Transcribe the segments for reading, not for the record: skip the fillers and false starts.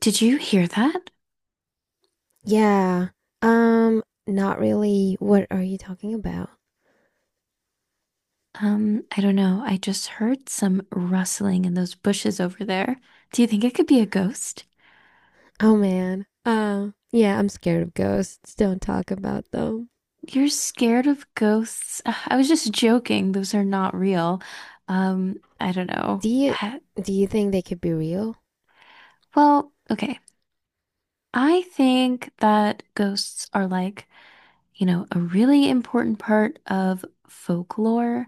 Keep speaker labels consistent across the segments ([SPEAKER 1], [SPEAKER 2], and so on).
[SPEAKER 1] Did you hear that?
[SPEAKER 2] Yeah. Not really. What are you talking about?
[SPEAKER 1] I don't know. I just heard some rustling in those bushes over there. Do you think it could be a ghost?
[SPEAKER 2] Oh man. Yeah, I'm scared of ghosts. Don't talk about them.
[SPEAKER 1] You're scared of ghosts. Ugh, I was just joking. Those are not real. I don't know.
[SPEAKER 2] Do you do you think they could be real?
[SPEAKER 1] Well, okay. I think that ghosts are like, you know, a really important part of folklore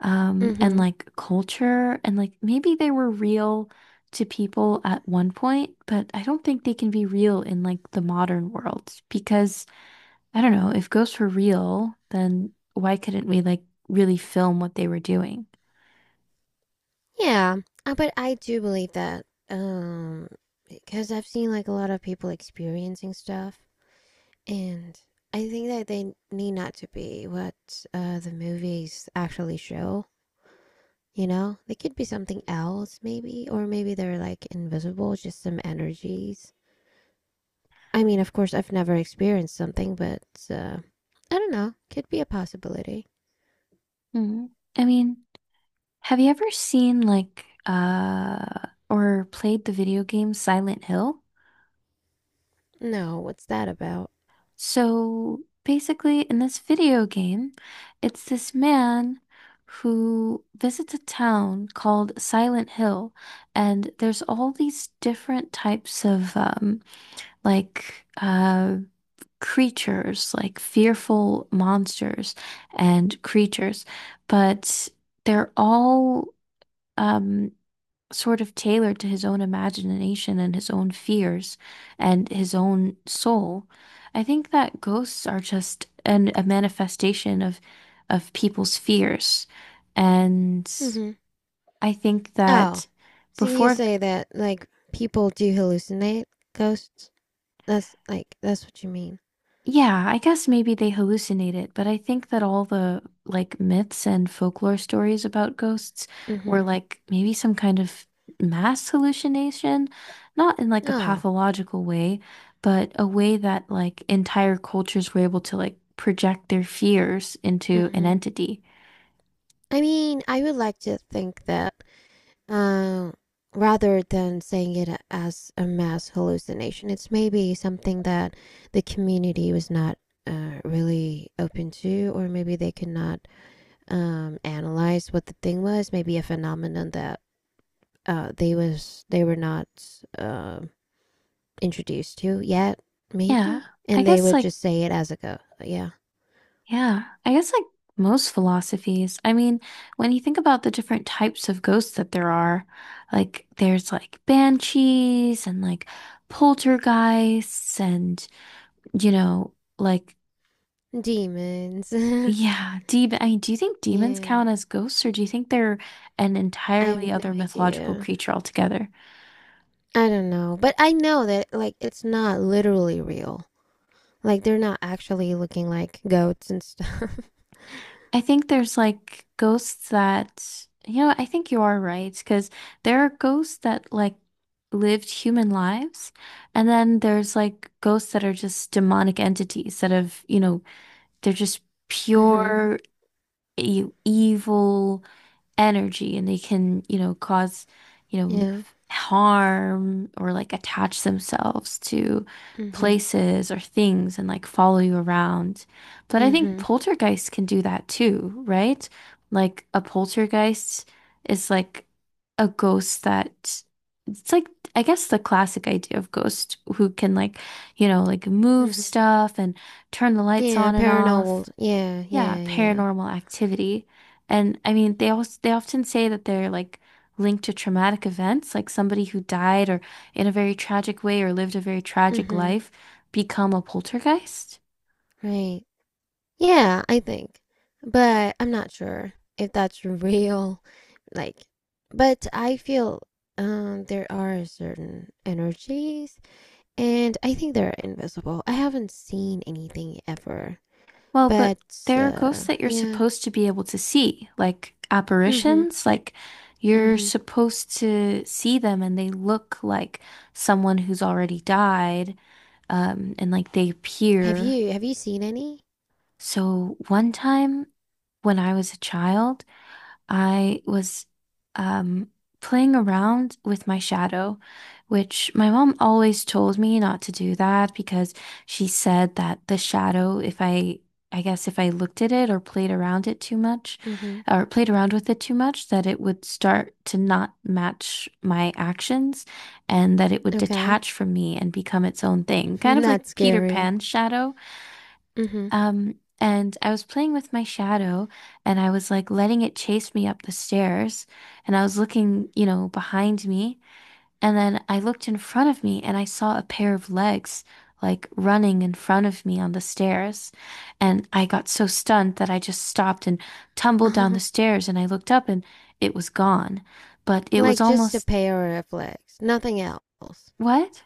[SPEAKER 1] and
[SPEAKER 2] Mm-hmm.
[SPEAKER 1] like culture, and like maybe they were real to people at one point, but I don't think they can be real in like the modern world because I don't know, if ghosts were real, then why couldn't we like really film what they were doing?
[SPEAKER 2] Yeah. But I do believe that. Um, because I've seen like a lot of people experiencing stuff, and I think that they need not to be what the movies actually show. They could be something else, maybe, or maybe they're like invisible, just some energies. I mean, of course, I've never experienced something, but uh, I don't know. Could be a possibility.
[SPEAKER 1] Mhm. I mean, have you ever seen like or played the video game Silent Hill?
[SPEAKER 2] No, what's that about?
[SPEAKER 1] So basically, in this video game, it's this man who visits a town called Silent Hill, and there's all these different types of like uh, creatures, like fearful monsters and creatures, but they're all um, sort of tailored to his own imagination and his own fears and his own soul. I think that ghosts are just a manifestation of people's fears. And
[SPEAKER 2] Mm-hmm.
[SPEAKER 1] I think
[SPEAKER 2] Oh,
[SPEAKER 1] that
[SPEAKER 2] so you
[SPEAKER 1] before.
[SPEAKER 2] say that like people do hallucinate ghosts? That's what you mean.
[SPEAKER 1] Yeah, I guess maybe they hallucinate it, but I think that all the like myths and folklore stories about ghosts
[SPEAKER 2] Mm-hmm.
[SPEAKER 1] were like maybe some kind of mass hallucination, not in like a
[SPEAKER 2] Oh.
[SPEAKER 1] pathological way, but a way that like entire cultures were able to like project their fears into an
[SPEAKER 2] Mm-hmm.
[SPEAKER 1] entity.
[SPEAKER 2] I mean, I would like to think that, Uh, rather than saying it as a mass hallucination, it's maybe something that the community was not really open to, or maybe they could not analyze what the thing was. Maybe a phenomenon that they were not uh, introduced to yet,
[SPEAKER 1] Yeah,
[SPEAKER 2] maybe,
[SPEAKER 1] I
[SPEAKER 2] and they
[SPEAKER 1] guess
[SPEAKER 2] would
[SPEAKER 1] like
[SPEAKER 2] just say it as a go. Yeah,
[SPEAKER 1] Yeah, I guess like most philosophies. I mean, when you think about the different types of ghosts that there are, like there's like banshees and like poltergeists and you know, like
[SPEAKER 2] demons.
[SPEAKER 1] yeah, demon. I mean, do you think demons
[SPEAKER 2] Yeah,
[SPEAKER 1] count as ghosts or do you think they're an
[SPEAKER 2] I
[SPEAKER 1] entirely
[SPEAKER 2] have no
[SPEAKER 1] other mythological
[SPEAKER 2] idea.
[SPEAKER 1] creature altogether?
[SPEAKER 2] I don't know, but I know that like it's not literally real. Like they're not actually looking like goats and stuff.
[SPEAKER 1] I think there's like ghosts that, you know, I think you are right because there are ghosts that like lived human lives, and then there's like ghosts that are just demonic entities that have, you know, they're just
[SPEAKER 2] Hmm.
[SPEAKER 1] pure e evil energy and they can, you know, cause, you know,
[SPEAKER 2] Yeah.
[SPEAKER 1] harm or like attach themselves to
[SPEAKER 2] Hmm.
[SPEAKER 1] places or things and like follow you around. But I think
[SPEAKER 2] Hmm.
[SPEAKER 1] poltergeists can do that too, right? Like a poltergeist is like a ghost that it's like I guess the classic idea of ghost who can like, you know, like move
[SPEAKER 2] Hmm.
[SPEAKER 1] stuff and turn the lights on
[SPEAKER 2] Yeah,
[SPEAKER 1] and off.
[SPEAKER 2] paranormal. Yeah,
[SPEAKER 1] Yeah,
[SPEAKER 2] yeah, yeah.
[SPEAKER 1] paranormal activity. And I mean, they also they often say that they're like linked to traumatic events, like somebody who died or in a very tragic way or lived a very tragic
[SPEAKER 2] Hmm.
[SPEAKER 1] life become a poltergeist.
[SPEAKER 2] Right. Yeah, I think. But I'm not sure if that's real. Like, but I feel there are certain energies and I think they're invisible. I haven't seen anything ever.
[SPEAKER 1] Well, but
[SPEAKER 2] But
[SPEAKER 1] there are ghosts that you're
[SPEAKER 2] yeah.
[SPEAKER 1] supposed to be able to see, like
[SPEAKER 2] Mhm.
[SPEAKER 1] apparitions, like you're
[SPEAKER 2] Mhm.
[SPEAKER 1] supposed to see them and they look like someone who's already died, and like they
[SPEAKER 2] Have
[SPEAKER 1] appear.
[SPEAKER 2] you have you seen any?
[SPEAKER 1] So one time when I was a child, I was um, playing around with my shadow, which my mom always told me not to do that because she said that the shadow, if I, I guess if I looked at it or played around it too much,
[SPEAKER 2] Mhm.
[SPEAKER 1] or played around with it too much, that it would start to not match my actions and that it would
[SPEAKER 2] Okay.
[SPEAKER 1] detach from me and become its own thing, kind of like
[SPEAKER 2] That's
[SPEAKER 1] Peter
[SPEAKER 2] scary.
[SPEAKER 1] Pan's shadow.
[SPEAKER 2] Mm-hmm.
[SPEAKER 1] And I was playing with my shadow and I was like letting it chase me up the stairs. And I was looking, you know, behind me. And then I looked in front of me and I saw a pair of legs like running in front of me on the stairs. And I got so stunned that I just stopped and tumbled down the
[SPEAKER 2] Uh-huh.
[SPEAKER 1] stairs. And I looked up and it was gone. But it
[SPEAKER 2] Like
[SPEAKER 1] was
[SPEAKER 2] just a
[SPEAKER 1] almost,
[SPEAKER 2] pair of legs, nothing else.
[SPEAKER 1] what?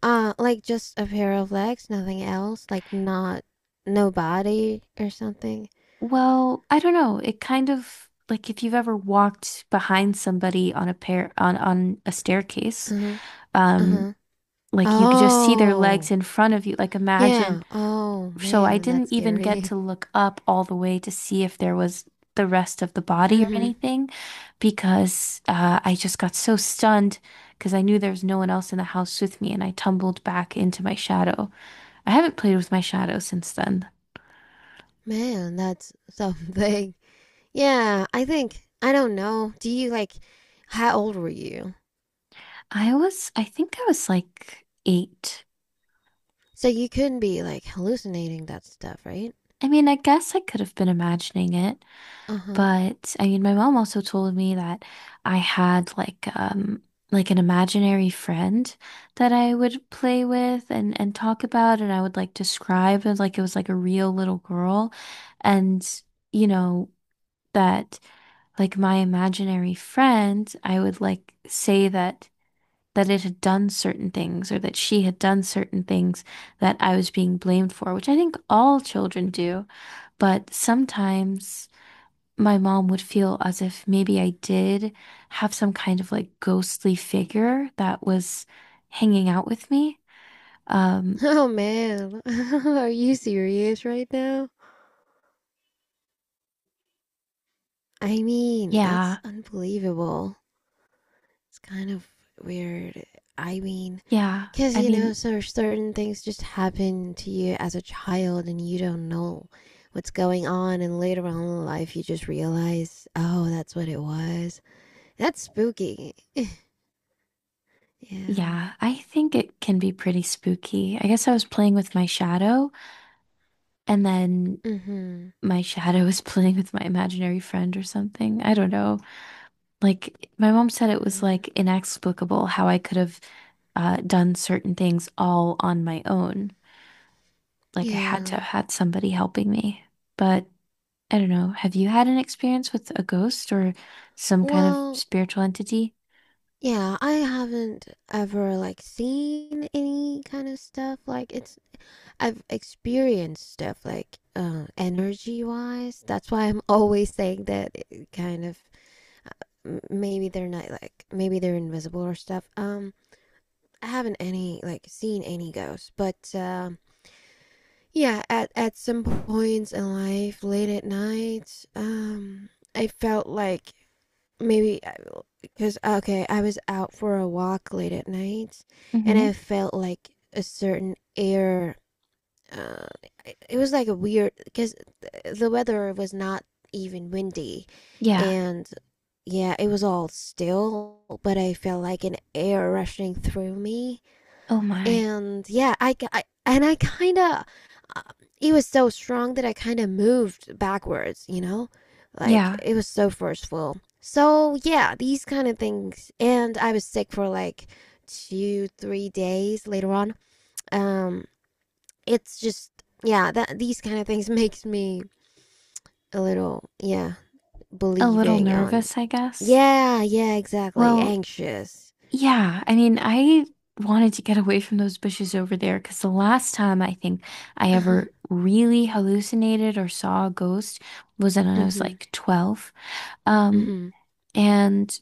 [SPEAKER 2] Like just a pair of legs, nothing else. Like not no body or something.
[SPEAKER 1] Well, I don't know. It kind of like if you've ever walked behind somebody on a pair on a staircase,
[SPEAKER 2] Uh-huh.
[SPEAKER 1] um,
[SPEAKER 2] Uh-huh.
[SPEAKER 1] like you could just see their legs
[SPEAKER 2] Oh.
[SPEAKER 1] in front of you. Like imagine.
[SPEAKER 2] Yeah. Oh,
[SPEAKER 1] So I
[SPEAKER 2] man, that's
[SPEAKER 1] didn't even get
[SPEAKER 2] scary.
[SPEAKER 1] to look up all the way to see if there was the rest of the body or
[SPEAKER 2] Mm-hmm.
[SPEAKER 1] anything because I just got so stunned because I knew there was no one else in the house with me and I tumbled back into my shadow. I haven't played with my shadow since then.
[SPEAKER 2] Man, that's something. Yeah, I think I don't know. Do you, like, how old were you?
[SPEAKER 1] I think I was like eight.
[SPEAKER 2] So you couldn't be like hallucinating that stuff, right?
[SPEAKER 1] I mean, I guess I could have been imagining it,
[SPEAKER 2] Uh-huh.
[SPEAKER 1] but I mean, my mom also told me that I had like an imaginary friend that I would play with and talk about and I would like describe it like it was like a real little girl and you know that like my imaginary friend, I would like say that that it had done certain things or that she had done certain things that I was being blamed for, which I think all children do. But sometimes my mom would feel as if maybe I did have some kind of like ghostly figure that was hanging out with me. Um,
[SPEAKER 2] Oh man, are you serious right now? I mean, that's
[SPEAKER 1] yeah,
[SPEAKER 2] unbelievable. It's kind of weird. I mean,
[SPEAKER 1] yeah.
[SPEAKER 2] because
[SPEAKER 1] I mean,
[SPEAKER 2] so certain things just happen to you as a child and you don't know what's going on, and later on in life you just realize, oh, that's what it was. That's spooky. Yeah.
[SPEAKER 1] yeah, I think it can be pretty spooky. I guess I was playing with my shadow and then
[SPEAKER 2] Mm hmm.
[SPEAKER 1] my shadow was playing with my imaginary friend or something. I don't know. Like my mom said
[SPEAKER 2] Oh
[SPEAKER 1] it was
[SPEAKER 2] man.
[SPEAKER 1] like inexplicable how I could have done certain things all on my own. Like I had to have
[SPEAKER 2] Yeah.
[SPEAKER 1] had somebody helping me. But I don't know. Have you had an experience with a ghost or some kind of
[SPEAKER 2] Well,
[SPEAKER 1] spiritual entity?
[SPEAKER 2] yeah, I haven't ever like seen any kind of stuff, like, it's I've experienced stuff like energy wise. That's why I'm always saying that it kind of maybe they're not, like, maybe they're invisible or stuff. I haven't any like seen any ghosts, but yeah, at some points in life late at night, I felt like maybe. Cause okay, I was out for a walk late at night, and I
[SPEAKER 1] Mm-hmm.
[SPEAKER 2] felt like a certain air. Uh, it was like a weird because the weather was not even windy,
[SPEAKER 1] Yeah.
[SPEAKER 2] and yeah, it was all still. But I felt like an air rushing through me,
[SPEAKER 1] Oh my.
[SPEAKER 2] and yeah, I kind of, uh, it was so strong that I kind of moved backwards, you know? Like
[SPEAKER 1] Yeah.
[SPEAKER 2] it was so forceful. So yeah, these kind of things. And I was sick for like 2, 3 days later on. Um, it's just, yeah, that these kind of things makes me a little, yeah,
[SPEAKER 1] A little
[SPEAKER 2] believing on,
[SPEAKER 1] nervous, I guess.
[SPEAKER 2] yeah, yeah, exactly,
[SPEAKER 1] Well,
[SPEAKER 2] anxious.
[SPEAKER 1] yeah. I mean, I wanted to get away from those bushes over there because the last time I think I
[SPEAKER 2] Mm-hmm.
[SPEAKER 1] ever really hallucinated or saw a ghost was when I was like 12. Um,
[SPEAKER 2] Mm-hmm.
[SPEAKER 1] and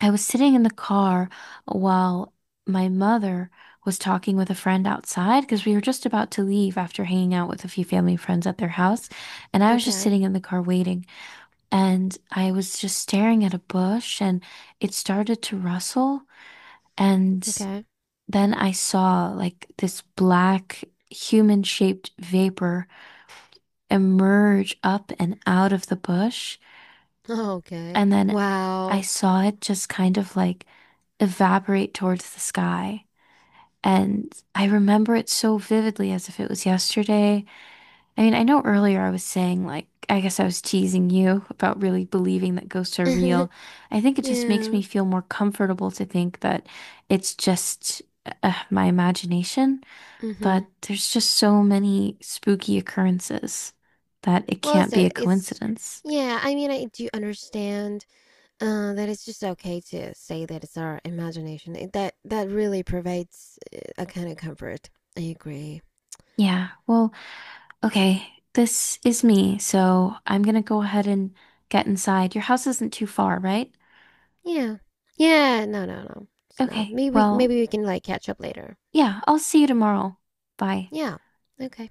[SPEAKER 1] I was sitting in the car while my mother was talking with a friend outside because we were just about to leave after hanging out with a few family friends at their house. And I was just
[SPEAKER 2] Okay.
[SPEAKER 1] sitting in the car waiting. And I was just staring at a bush and it started to rustle. And
[SPEAKER 2] Okay.
[SPEAKER 1] then I saw like this black human-shaped vapor emerge up and out of the bush.
[SPEAKER 2] Oh, okay.
[SPEAKER 1] And then I
[SPEAKER 2] Wow.
[SPEAKER 1] saw it just kind of like evaporate towards the sky. And I remember it so vividly as if it was yesterday. I mean, I know earlier I was saying, like, I guess I was teasing you about really believing that ghosts are real. I think it just makes
[SPEAKER 2] Yeah.
[SPEAKER 1] me feel more comfortable to think that it's just my imagination.
[SPEAKER 2] Mm-hmm.
[SPEAKER 1] But there's just so many spooky occurrences that it
[SPEAKER 2] Well, it's
[SPEAKER 1] can't be
[SPEAKER 2] a,
[SPEAKER 1] a
[SPEAKER 2] it's
[SPEAKER 1] coincidence.
[SPEAKER 2] yeah, I mean, I do understand that it's just okay to say that it's our imagination. That really provides a kind of comfort. I agree.
[SPEAKER 1] Yeah, well. Okay, this is me, so I'm gonna go ahead and get inside. Your house isn't too far, right?
[SPEAKER 2] Yeah. Yeah, no, no, no. It's not.
[SPEAKER 1] Okay,
[SPEAKER 2] Maybe
[SPEAKER 1] well,
[SPEAKER 2] maybe we can like catch up later.
[SPEAKER 1] yeah, I'll see you tomorrow. Bye.
[SPEAKER 2] Yeah. Okay.